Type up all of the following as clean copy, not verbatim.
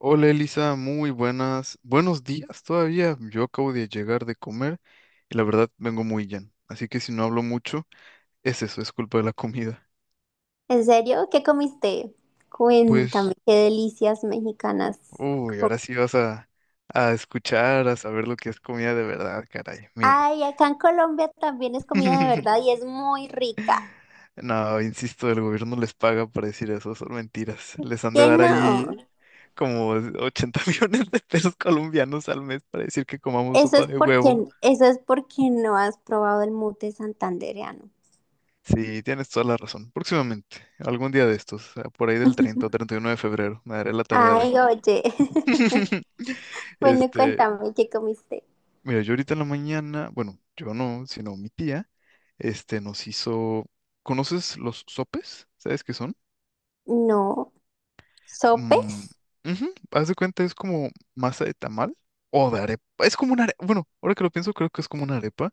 Hola Elisa, muy buenas, buenos días todavía. Yo acabo de llegar de comer y la verdad vengo muy lleno. Así que si no hablo mucho, es eso, es culpa de la comida. ¿En serio? ¿Qué comiste? Cuéntame, Pues, qué delicias mexicanas. uy, com- ahora sí vas a escuchar, a saber lo que es comida de verdad, caray. Mira. Ay, acá en Colombia también es comida de verdad y es muy rica. No, insisto, el gobierno les paga para decir eso, son mentiras. Les han de ¿Qué dar no? ahí como 80 millones de pesos colombianos al mes para decir que comamos sopa de huevo. Eso es porque no has probado el mute santandereano. Sí, tienes toda la razón. Próximamente, algún día de estos, por ahí del 30 o 31 de febrero, me daré la tarea Ay, de... oye. Bueno, Este, cuéntame, ¿qué comiste? mira, yo ahorita en la mañana, bueno, yo no, sino mi tía, nos hizo... ¿Conoces los sopes? ¿Sabes qué son? No, Mm, ¿sopes? ujú. Haz de cuenta, es como masa de tamal o de arepa. Es como una arepa, bueno, ahora que lo pienso, creo que es como una arepa,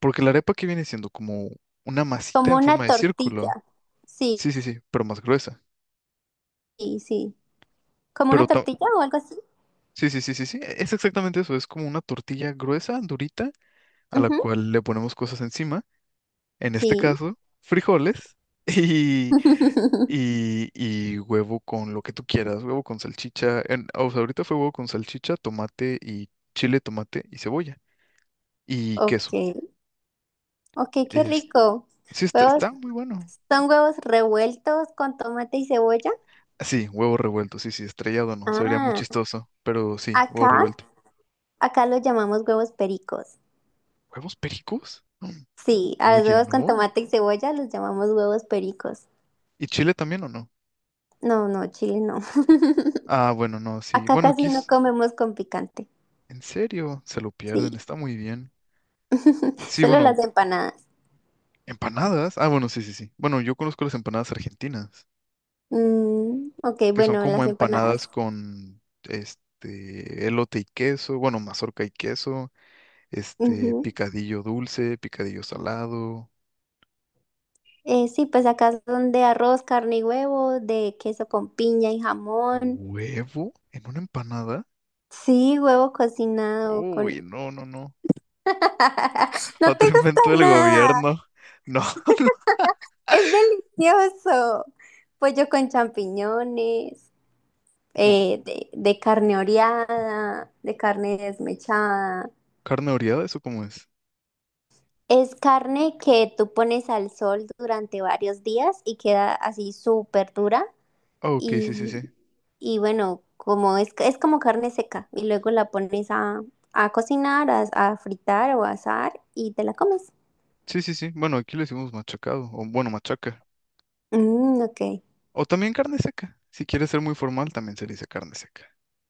porque la arepa que viene siendo como una masita Como en forma una de círculo. tortilla. Sí, Sí, sí, sí, pero más gruesa. sí, sí. ¿Como una Pero ta- tortilla o algo así? Sí, sí, sí, sí, sí. Es exactamente eso. Es como una tortilla gruesa, durita, a la Ujú. cual le ponemos cosas encima. En este Sí. caso, frijoles y, y huevo con lo que tú quieras. Huevo con salchicha. O sea, ahorita fue huevo con salchicha, tomate y chile, tomate y cebolla. Y Ok. queso. Ok, qué Es, rico. sí, está, Huevos, está muy bueno. ¿son huevos revueltos con tomate y cebolla? Sí, huevo revuelto. Sí, sí, estrellado no. Se vería muy Ah, chistoso. Pero sí, huevo acá, revuelto. acá los llamamos huevos pericos. ¿Huevos pericos? Mm. Sí, a los Oye, huevos con no. tomate y cebolla los llamamos huevos pericos. ¿Y chile también o no? No, no, Chile no. Ah, bueno, no, sí. Acá casi no comemos con picante. En serio, se lo Sí, pierden, está muy bien. Sí, solo bueno, las empanadas. empanadas. Ah, bueno, sí, sí, sí. Bueno, yo conozco las empanadas argentinas, Mm, ok, que son bueno, como las empanadas. empanadas con este elote y queso, bueno, mazorca y queso, este Ujú. picadillo dulce, picadillo salado, Sí, pues acá son de arroz, carne y huevo, de queso con piña y jamón. huevo en una empanada. Sí, huevo cocinado con Uy, no, no, no. no te Otro gusta invento del nada. gobierno. No. Es delicioso. Pollo con champiñones, Mo- de carne oreada, de carne desmechada. ¿Carne oreada? ¿Eso cómo es? Es carne que tú pones al sol durante varios días y queda así súper dura. Ah, ok, sí, sí, sí. Y, y bueno, es como carne seca. Y luego la pones a cocinar, a fritar o a asar y te la comes. Sí, sí, sí. Bueno, aquí le decimos machacado, o bueno, machaca. Mm, ok. O también carne seca. Si quieres ser muy formal, también se le dice carne seca.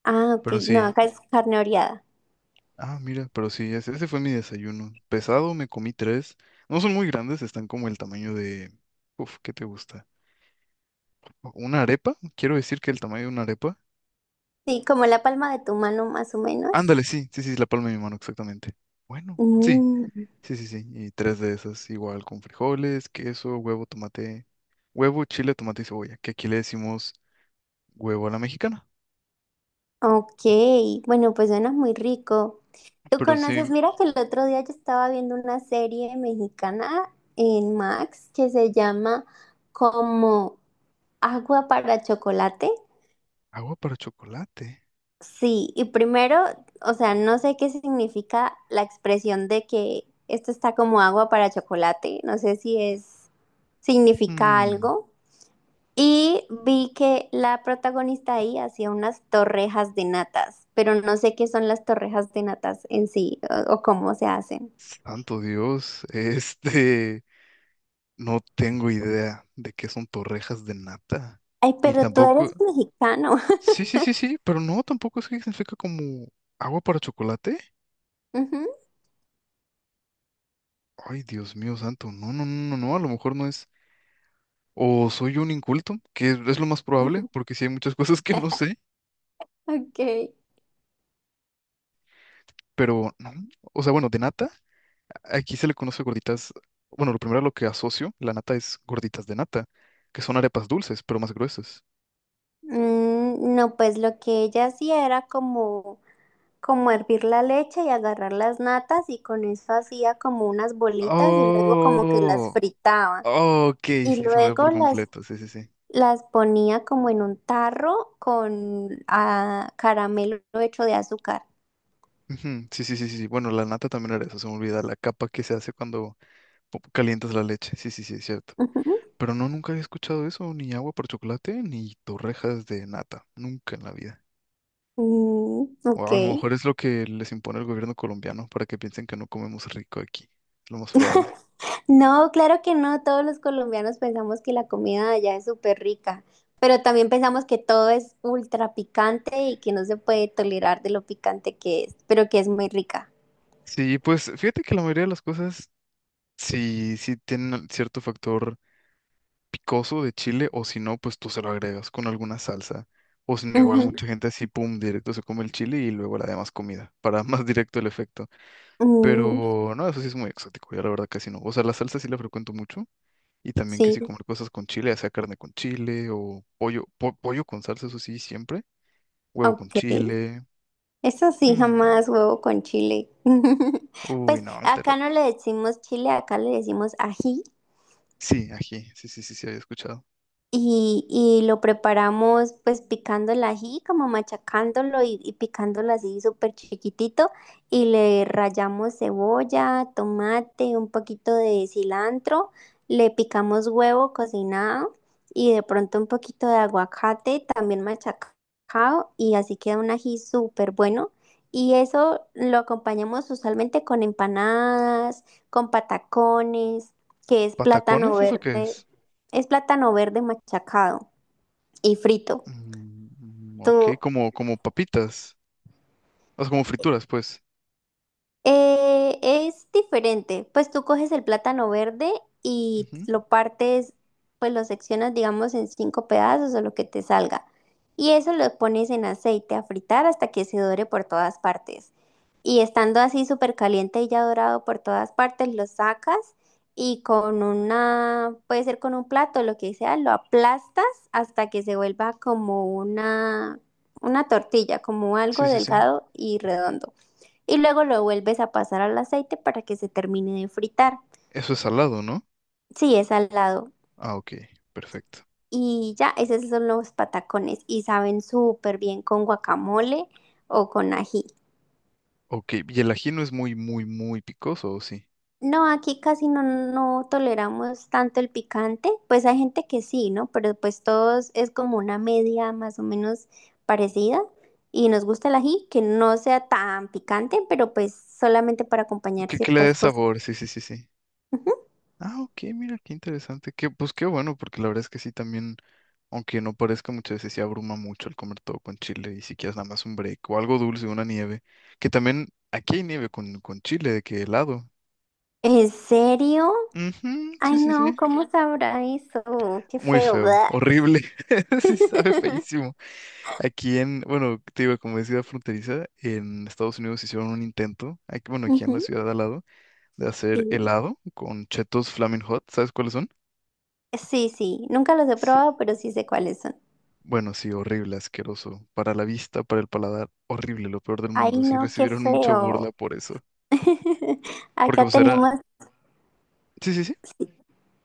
Ah, ok. Pero No, sí. acá es carne oreada. Ah, mira, pero sí, ese fue mi desayuno. Pesado, me comí tres. No son muy grandes, están como el tamaño de... Uf, ¿qué te gusta? ¿Una arepa? Quiero decir que el tamaño de una arepa. Sí, como la palma de tu mano más o menos. Ándale, sí, sí, sí, la palma de mi mano, exactamente. Bueno, sí, Mm, sí, sí, sí. Y tres de esas, igual con frijoles, queso, huevo, tomate. Huevo, chile, tomate y cebolla, que aquí le decimos huevo a la mexicana. ok, bueno, pues suena muy rico. ¿Tú Pero conoces? sí, Mira que el otro día yo estaba viendo una serie mexicana en Max que se llama como Agua para Chocolate. Agua para chocolate. Sí, y primero, o sea, no sé qué significa la expresión de que esto está como agua para chocolate. No sé si es, significa Mm, algo. Y vi que la protagonista ahí hacía unas torrejas de natas, pero no sé qué son las torrejas de natas en sí o cómo se hacen. santo Dios, no tengo idea de qué son torrejas de nata. Ay, Y pero tú tampoco, eres mexicano. sí, sí, sí, sí, pero no, tampoco es que significa como agua para chocolate. Ay, Dios mío, santo, no, no, no, no, no, a lo mejor no es. O soy un inculto, que es lo más probable, Ujú. porque sí hay muchas cosas que no sé, Ok. pero no, o sea, bueno, de nata. Aquí se le conoce gorditas. Bueno, lo primero a lo que asocio la nata es gorditas de nata, que son arepas dulces, pero más gruesas. Mm, no, pues lo que ella hacía era como hervir la leche y agarrar las natas y con eso hacía como unas bolitas y luego como que las Oh, fritaba. oh, ok, sí, Y se me ve luego por completo. Sí, sí, sí. las ponía como en un tarro con ah, caramelo hecho de azúcar. Ujú. Sí, sí, sí, sí, sí. Bueno, la nata también era eso, se me olvida, la capa que se hace cuando calientas la leche. Sí, sí, sí, es cierto. Pero no, nunca había escuchado eso, ni agua por chocolate, ni torrejas de nata. Nunca en la vida. Ujú. Mm, O ok. a lo mejor es lo que les impone el gobierno colombiano para que piensen que no comemos rico aquí. Es lo más probable. No, claro que no. Todos los colombianos pensamos que la comida de allá es súper rica, pero también pensamos que todo es ultra picante y que no se puede tolerar de lo picante que es, pero que es muy rica. Sí, pues fíjate que la mayoría de las cosas sí, tienen cierto factor picoso de chile, o si no, pues tú se lo agregas con alguna salsa. O si no, igual Ujú. mucha gente así, pum, directo se come el chile y luego la demás comida, para más directo el efecto. Mm, Pero no, eso sí es muy exótico, yo la verdad casi no. O sea, la salsa sí la frecuento mucho y también que sí, sí comer cosas con chile, ya sea carne con chile o pollo, pollo con salsa, eso sí, siempre. Huevo con ok. chile. Eso sí, mm, jamás huevo con chile. Uy, Pues no, te lo... acá no le decimos chile, acá le decimos ají. Sí, ají, sí, sí, sí, sí, había escuchado. Y lo preparamos pues picando el ají, como machacándolo y picándolo así súper chiquitito. Y le rallamos cebolla, tomate, un poquito de cilantro. Le picamos huevo cocinado y de pronto un poquito de aguacate también machacado. Y así queda un ají súper bueno. Y eso lo acompañamos usualmente con empanadas, con patacones, que es plátano ¿Patacones? ¿Eso qué verde. es? Es plátano verde machacado y frito. Mm, ok, ¿Tú como papitas. O sea, como frituras, pues. Es diferente, pues tú coges el plátano verde y Ujú. lo partes, pues lo seccionas, digamos, en 5 pedazos o lo que te salga. Y eso lo pones en aceite a fritar hasta que se dore por todas partes. Y estando así súper caliente y ya dorado por todas partes, lo sacas y con una, puede ser con un plato, lo que sea, lo aplastas hasta que se vuelva una tortilla, como algo Sí, sí, sí. delgado y redondo y luego lo vuelves a pasar al aceite para que se termine de fritar. Eso es salado, ¿no? Sí, es salado. Ah, ok, perfecto. Y ya, esos son los patacones y saben súper bien con guacamole o con ají. Ok, y el ají no es muy, muy, muy picoso, ¿o sí? No, aquí casi no, no toleramos tanto el picante, pues hay gente que sí, ¿no? Pero pues todos es como una media más o menos parecida y nos gusta el ají, que no sea tan picante, pero pues solamente para acompañar Que le ciertas dé cosas. sabor, sí, sí, sí, sí. Ah, ok, mira, qué interesante. Que, pues qué bueno, porque la verdad es que sí también, aunque no parezca muchas veces, sí abruma mucho el comer todo con chile y si quieres nada más un break o algo dulce, una nieve. Que también aquí hay nieve con chile, de que helado. ¿En serio? Ujú, Ay, sí, sí, no, sí. ¿cómo sabrá eso? Qué Muy feo, feo, ¿verdad? horrible, sí sabe feísimo. Aquí en, bueno, te digo, como es ciudad fronteriza, en Estados Unidos hicieron un intento, aquí, bueno, aquí en Ujú. la ciudad de al lado, de hacer Sí, helado con chetos Flaming Hot, ¿sabes cuáles son? sí, sí, nunca los he Sí. probado, pero sí sé cuáles son. Bueno, sí, horrible, asqueroso, para la vista, para el paladar, horrible, lo peor del mundo, Ay, sí no, qué recibieron mucha burla feo. por eso, porque Acá pues era, tenemos, sí, sí, sí.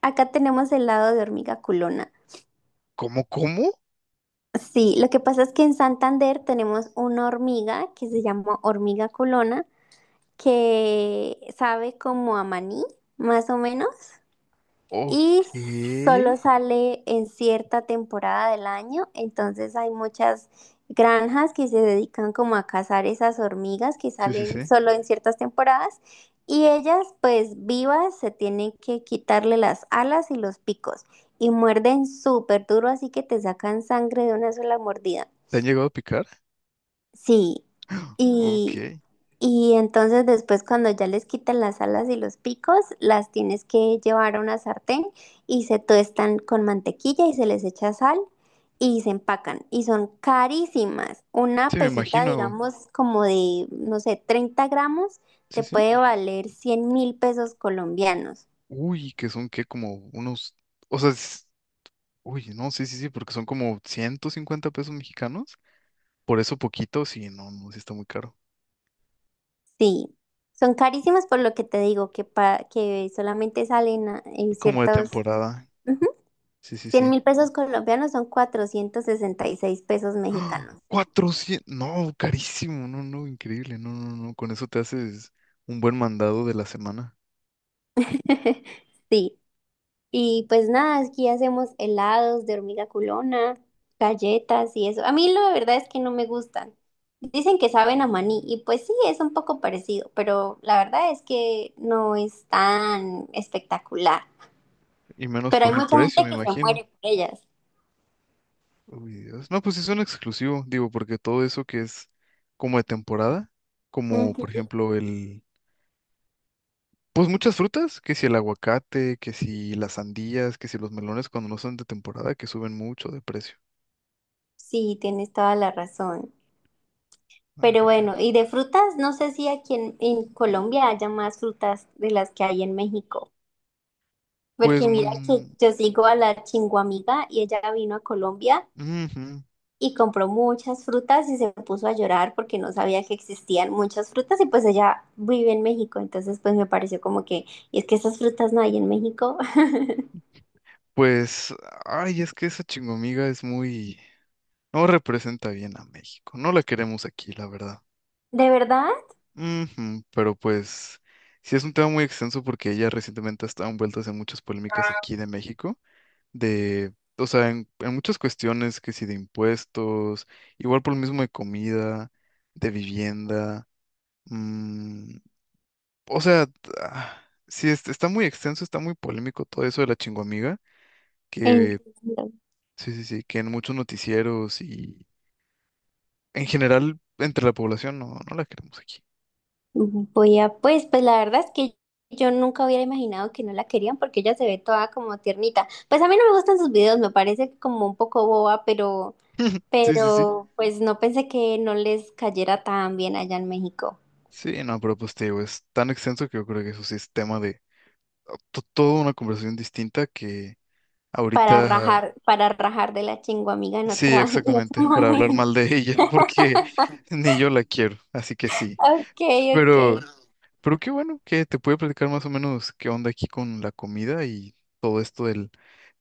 acá tenemos helado de hormiga culona. ¿Cómo, cómo? Sí, lo que pasa es que en Santander tenemos una hormiga que se llama hormiga culona, que sabe como a maní, más o menos. Ok, Y solo sí, sale en cierta temporada del año, entonces hay muchas granjas que se dedican como a cazar esas hormigas que sí, salen sí, solo en ciertas temporadas y ellas pues vivas se tienen que quitarle las alas y los picos y muerden súper duro así que te sacan sangre de una sola mordida. ¿te han llegado a picar? Sí, Ok, y, sí, y entonces después cuando ya les quitan las alas y los picos, las tienes que llevar a una sartén y se tuestan con mantequilla y se les echa sal y se empacan y son carísimas. Una me pesita, imagino, digamos, como de, no sé, 30 gramos, te sí, sí. puede valer 100.000 pesos colombianos. Uy, que son que como unos, o sea, uy, no, sí, sí, sí, porque son como 150 pesos mexicanos. Por eso poquito, sí, no, no, sí está muy caro. Sí, son carísimas por lo que te digo, que solamente en Como de ciertos... temporada, sí, sí, cien sí. mil pesos colombianos son 466 pesos ¡Ah! mexicanos. 400, no, carísimo, no, no, increíble, no, no, no, con eso te haces un buen mandado de la semana. Sí, y pues nada, aquí hacemos helados de hormiga culona, galletas y eso. A mí la verdad es que no me gustan. Dicen que saben a maní y pues sí, es un poco parecido, pero la verdad es que no es tan espectacular. Y menos Pero hay por el mucha precio, gente me que se imagino. muere por ellas. Uy, Dios. No, pues es un exclusivo, digo, porque todo eso que es como de temporada, como por Ujú. ejemplo el Pues muchas frutas, que si el aguacate, que si las sandías, que si los melones cuando no son de temporada, que suben mucho de precio. Sí, tienes toda la razón. Pero Ay, bueno, y Dios. de frutas, no sé si aquí en Colombia haya más frutas de las que hay en México. Pues, Porque mira que mm, yo sigo a la chinguamiga y ella vino a Colombia ujú. y compró muchas frutas y se puso a llorar porque no sabía que existían muchas frutas y pues ella vive en México. Entonces pues me pareció como que, y es que esas frutas no hay en México. Pues, ay, es que esa chingomiga es muy... No representa bien a México. No la queremos aquí, la verdad. ¿De verdad? Ujú. Pero pues, sí es un tema muy extenso porque ella recientemente ha estado envuelta en muchas polémicas aquí de México, de, o sea, en muchas cuestiones que si de impuestos, igual por lo mismo de comida, de vivienda, mm, o sea, ah, sí, está muy extenso, está muy polémico todo eso de la chingoamiga, que Entiendo. sí, sí, sí, que en muchos noticieros y en general entre la población no la queremos aquí. Voy a, pues, pues la verdad es que yo nunca hubiera imaginado que no la querían porque ella se ve toda como tiernita. Pues a mí no me gustan sus videos, me parece como un poco boba, Sí, sí, sí. pero pues no pensé que no les cayera tan bien allá en México Sí, no, pero pues te digo, es tan extenso que yo creo que eso sí es tema de toda una conversación distinta que ahorita. Para rajar de la chingua amiga en Sí, otro, en otro exactamente, para hablar momento. mal de ella, porque ni yo la quiero, así que sí. Ok, ok. Pero, pero qué bueno que te pude platicar más o menos qué onda aquí con la comida y todo esto del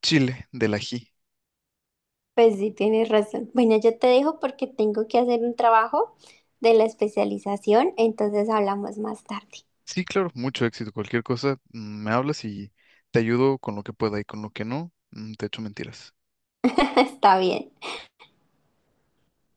chile, del ají. Pues sí, tienes razón. Bueno, yo te dejo porque tengo que hacer un trabajo de la especialización, entonces hablamos más tarde. Sí, claro, mucho éxito. Cualquier cosa, me hablas y te ayudo con lo que pueda y con lo que no, te echo mentiras. Está bien.